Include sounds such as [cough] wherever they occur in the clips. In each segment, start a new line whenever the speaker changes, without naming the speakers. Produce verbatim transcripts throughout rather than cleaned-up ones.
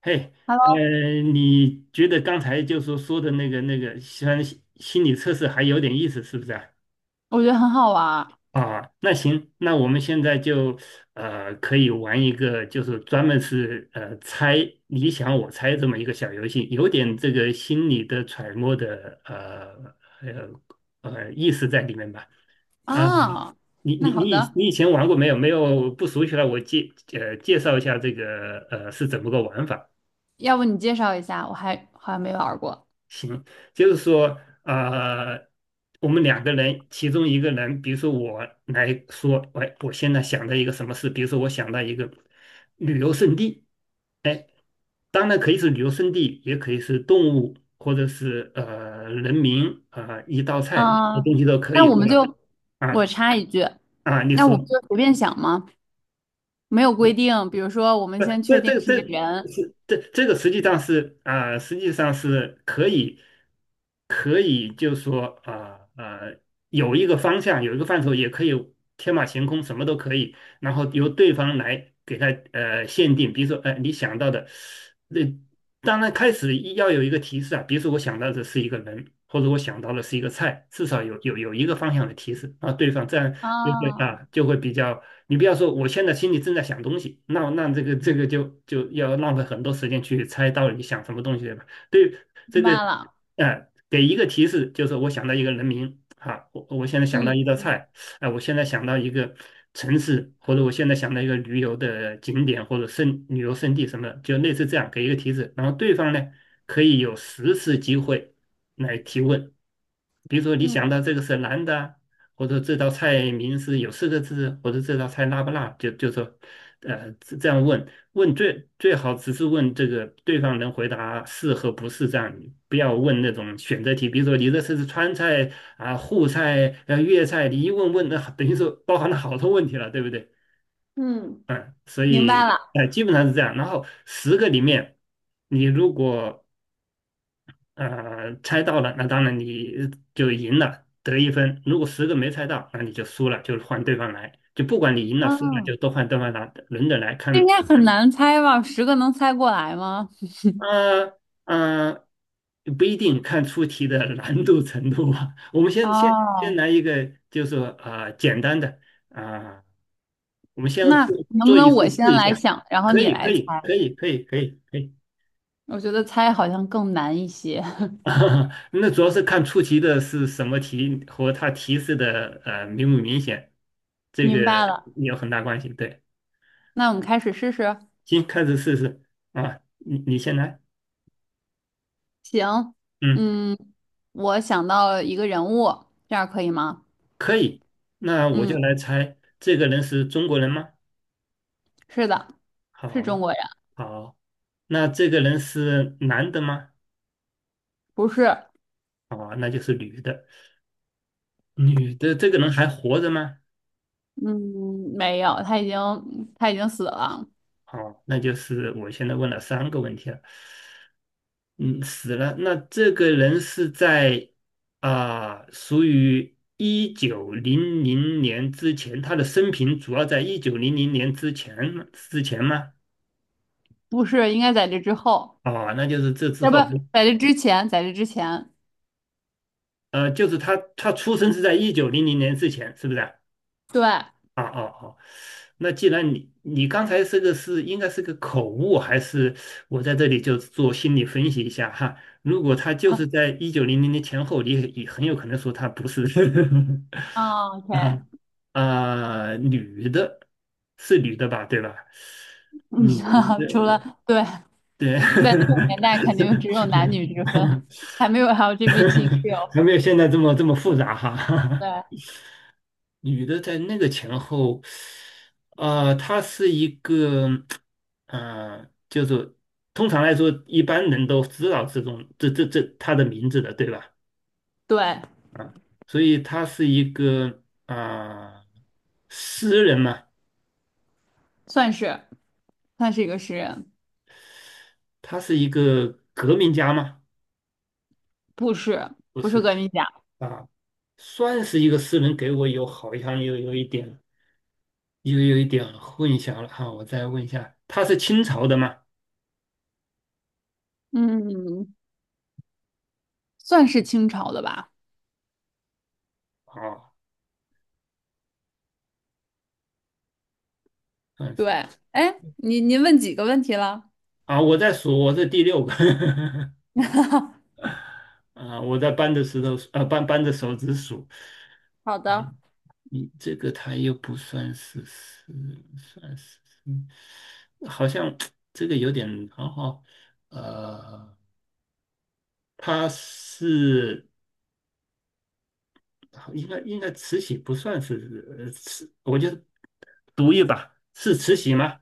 嘿，呃，
Hello，
你觉得刚才就说说的那个那个，虽然心心理测试还有点意思，是不是啊？
我觉得很好玩儿
啊，那行，那我们现在就呃可以玩一个，就是专门是呃猜你想我猜这么一个小游戏，有点这个心理的揣摩的呃呃呃意思在里面吧？啊，
啊。
你
那
你你
好
以
的，
你以前玩过没有？没有不熟悉了，我介呃介绍一下这个呃是怎么个玩法。
要不你介绍一下？我还好像没玩儿过。
行，就是说，呃，我们两个人，其中一个人，比如说我来说，喂，我现在想到一个什么事，比如说我想到一个旅游胜地。哎，当然可以是旅游胜地，也可以是动物，或者是呃人民啊、呃一道菜，什
啊。
么东西都可
那
以，
我
对
们
吧？
就我
啊。
插一句，
啊，你
那我们
说。
就随便想嘛，没有规定。比如说，我们
不，
先
这
确定
这
是一个
这
人
是这这个实际上是啊、呃实际上是可以可以，就说啊啊、呃有一个方向，有一个范畴，也可以天马行空，什么都可以。然后由对方来给他呃限定，比如说呃你想到的，那当然开始一要有一个提示啊，比如说我想到的是一个人，或者我想到的是一个菜，至少有有有一个方向的提示啊，对方这样就会
啊，
啊就会比较。你不要说我现在心里正在想东西，那那这个这个就就要浪费很多时间去猜到底想什么东西，对吧？对，这
明
个。
白了。
呃，给一个提示，就是我想到一个人名啊，我我现在想到一
嗯
道
嗯
菜。哎、我现在想到一个城市，或者我现在想到一个旅游的景点，或者胜旅游胜地什么的，就类似这样给一个提示，然后对方呢可以有十次机会来提问。比如说你
嗯
想到这个是男的啊，或者这道菜名是有四个字，或者这道菜辣不辣，就就说呃这这样问，问最最好只是问这个对方能回答是和不是这样，不要问那种选择题。比如说你这是川菜啊、沪菜啊、呃粤菜，你一问问那等于说包含了好多问题了，对不对？
嗯，
所
明白
以
了。
呃基本上是这样。然后十个里面，你如果呃猜到了，那当然你就赢了，得一分；如果十个没猜到，那你就输了，就换对方来。就不管你赢了输了，
嗯，
就都换对方来，轮着来
这
看
应该很难猜吧？十个能猜过来吗？
呃呃，不一定看出题的难度程度吧。我们先先先
哦，
来一个，就是说呃简单的啊、呃我们先
那
做
能不
做一
能
次
我先
试一
来
下，
想，然后
可
你
以可
来猜？
以可以可以可以可以。
我觉得猜好像更难一些。[laughs]
[laughs] 那主要是看出题的是什么题和它提示的呃明不明显，这个
明白了，
有很大关系。对，
那我们开始试试。
行，开始试试啊，你你先来，
行，
嗯，
嗯，我想到了一个人物，这样可以吗？
可以。那我就
嗯，
来猜这个人是中国人吗？
是的，是中
好。
国人，
好，那这个人是男的吗？
不是，
哦，那就是女的。女的这个人还活着吗？
嗯，没有，他已经他已经死了，
哦，那就是我现在问了三个问题了。嗯，死了。那这个人是在啊、属于一九零零年之前，他的生平主要在一九零零年之前吗之前吗？
不是，应该在这之后，
哦，那就是这之
要不
后。
在这之前，在这之前，
呃，就是他他出生是在一九零零年之前，是不是啊？
对，啊
哦哦哦，那既然你你刚才这个是应该是个口误，还是我在这里就做心理分析一下哈？如果他就是在一九零零年前后，你也也很有可能说他不是
哦
[laughs]
，OK，
啊。啊、女的，是女的吧，对吧？
嗯，
女
[laughs] 除
的，
了对，
对，
在那个
[laughs]
年代肯定只有男女之分，还没有 L G B T Q，
还没有现在这么这么复杂哈。
对
女的在那个前后，呃，她是一个，嗯、就是通常来说，一般人都知道这种这这这她的名字的，对吧？
对，
所以她是一个啊、诗人嘛，
算是算是一个诗人。
她是一个革命家嘛？
不是，
不
不是
是
革命家，
啊，算是一个诗人，给我有好像有有一点有有一点混淆了哈、我再问一下，她是清朝的吗？
嗯，算是清朝的吧？
哦。嗯，
对，哎，您您问几个问题了？
啊，我在数，我是第六个 [laughs]
[laughs]
啊，我在搬着石头，啊，搬搬着手指数。
好的，
你你这个他又不算是是算是。嗯好像 [tsk] 这个有点好好。呃，他是应该应该慈禧不算是呃慈，我就读一把，是慈禧吗？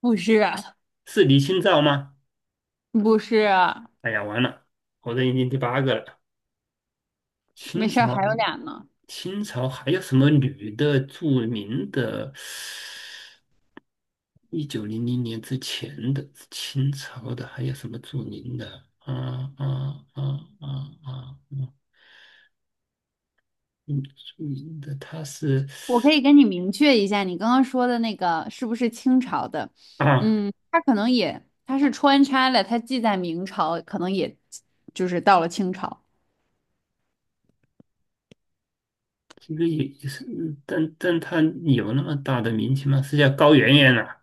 不是，
是李清照吗？
不是，
哎呀，完了，我这已经第八个了，
没
清
事儿，
朝。
还有俩呢。
清朝还有什么女的著名的？一九零零年之前的清朝的还有什么著名的？啊啊啊啊啊！啊，嗯，著名的她是
我可以跟你明确一下，你刚刚说的那个是不是清朝的？
啊，
嗯，他可能也，他是穿插了，他既在明朝，可能也就是到了清朝。
这个也也是，但但她有那么大的名气吗？是叫高圆圆啊？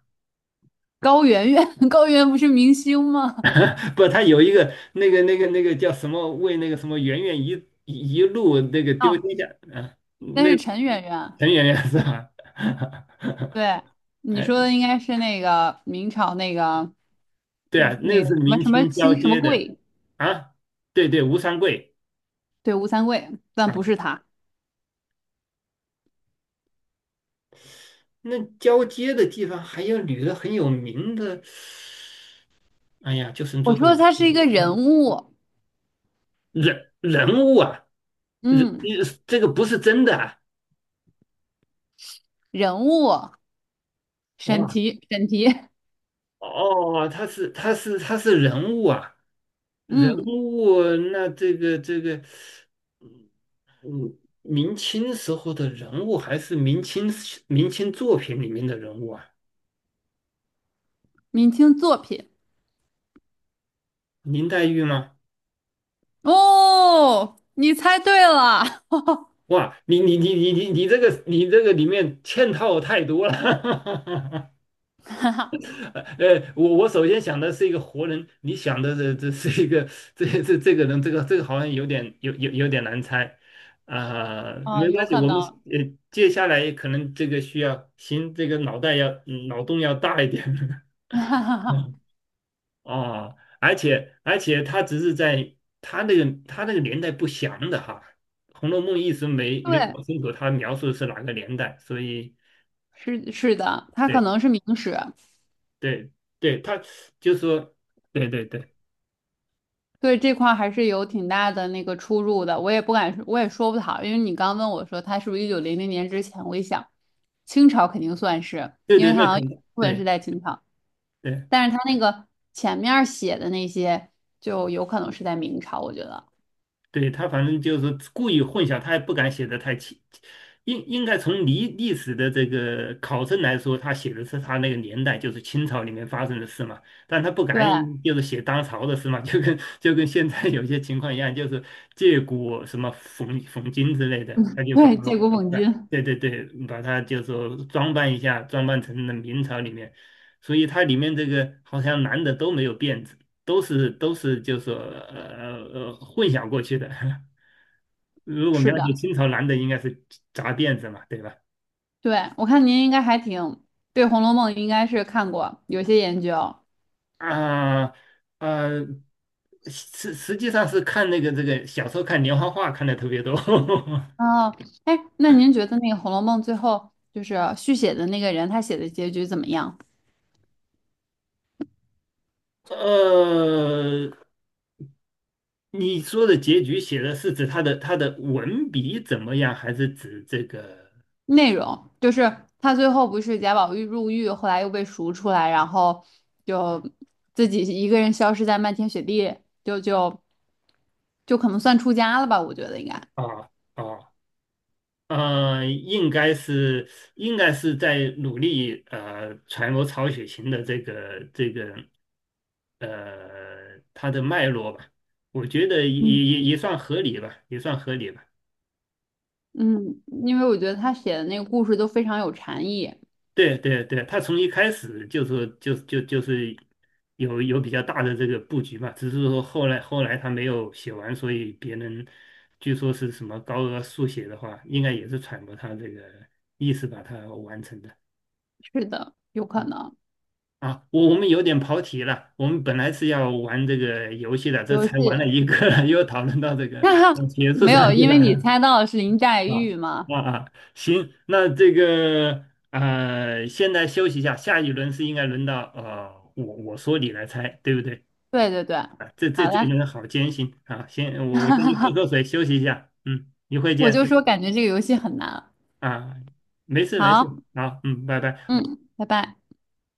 高圆圆，[laughs] 高圆圆不是明星吗？
[laughs] 不，她有一个那个那个那个叫什么为那个什么圆圆一一路那个丢
哦，
天下啊，
那
那
是
个
陈圆圆。
陈圆圆是吧？[laughs]
对，你
哎，
说的应该是那个明朝那个
对啊，那
那
个
个
是
什么
明
什么
清交
清什么
接的
贵，
啊，对对，吴三桂
对，吴三桂，但
啊，
不是他。
那交接的地方还有女的很有名的。哎呀，就剩最
我
后
说
一
他是
个
一个
啊。
人物，
人人物啊，人
嗯，
呃这个不是真的啊。
人物，审
哇。
题，审题
哦，他是他是他是人物啊，
[laughs]，
人
嗯，
物。那这个这个，嗯嗯明清时候的人物还是明清明清作品里面的人物啊，
明清作品。
林黛玉吗？
哦，你猜对了，[laughs]
哇，你你你你你你这个你这个里面嵌套太多了，[laughs]
哈哈，
呃，我我首先想的是一个活人，你想的是这是一个这这这个人。这个这个好像有点有有有点难猜啊、没
嗯，
关
有
系，
可
我们
能，
呃接下来可能这个需要行，这个脑袋要嗯脑洞要大一点，
[laughs] 哈哈哈，
[laughs] 啊。而且而且他只是在他那个他那个年代不详的哈，《红楼梦》一直没没
对，
搞清楚他描述的是哪个年代，所以
是是的，他可能
对
是明史，
对对，他就说对对对
对，这块儿还是有挺大的那个出入的，我也不敢，我也说不好，因为你刚问我说他是不是一九零零年之前，我一想，清朝肯定算是，
对
因
对，
为它
那
好像有一
肯定
部分是
对
在清朝，
对。
但是它那个前面儿写的那些就有可能是在明朝，我觉得，
对，他反正就是故意混淆，他也不敢写的太清。应应该从历历史的这个考证来说，他写的是他那个年代，就是清朝里面发生的事嘛。但他不
对
敢就是写当朝的事嘛，[laughs] 就跟就跟现在有些情况一样，就是借古什么讽讽今之类的，他就把
对，
它。
借古讽
啊，
今，
对对对，把它就说装扮一下，装扮成了明朝里面。所以它里面这个好像男的都没有辫子，都是都是就是说呃呃混淆过去的。[laughs] 如果描
是的，
写清朝男的，应该是扎辫子嘛，对吧？
对，我看您应该还挺对《红楼梦》应该是看过有些研究，
啊。啊，实实际上是看那个这个小时候看连环画看的特别多。[laughs]
哦，哎，那您觉得那个《红楼梦》最后就是续写的那个人他写的结局怎么样？
呃，你说的结局写的是指他的他的文笔怎么样，还是指这个？
内容，就是他最后不是贾宝玉入狱，后来又被赎出来，然后就自己一个人消失在漫天雪地，就就就可能算出家了吧，我觉得应该。
啊。啊？呃，应该是应该是在努力呃揣摩曹雪芹的这个这个呃他的脉络吧，我觉得也
嗯，
也也算合理吧，也算合理吧。
嗯，因为我觉得他写的那个故事都非常有禅意。
对对对，他从一开始就是就就就是有有比较大的这个布局嘛，只是说后来后来他没有写完，所以别人据说是什么高额速写的话，应该也是揣摩他这个意思把它完成的。
是的，有可能。
啊，我我们有点跑题了。我们本来是要玩这个游戏的，这
游
才玩了
戏，
一个，[laughs] 又讨论到这个
[laughs] 哈哈，
呃学术
没有，
上去
因
了。
为你猜到的是林黛
啊
玉嘛。
啊啊！行，那这个呃，现在休息一下，下一轮是应该轮到呃，我我说你来猜，对不对？
对对对，
啊，这这
好
这一
了，
轮好艰辛啊！行，我我先去喝
[laughs]
口水休息一下，嗯，一会
我
见
就说感觉这个游戏很难。
啊，没事没事，
好，
好，嗯，拜拜。
嗯，拜拜。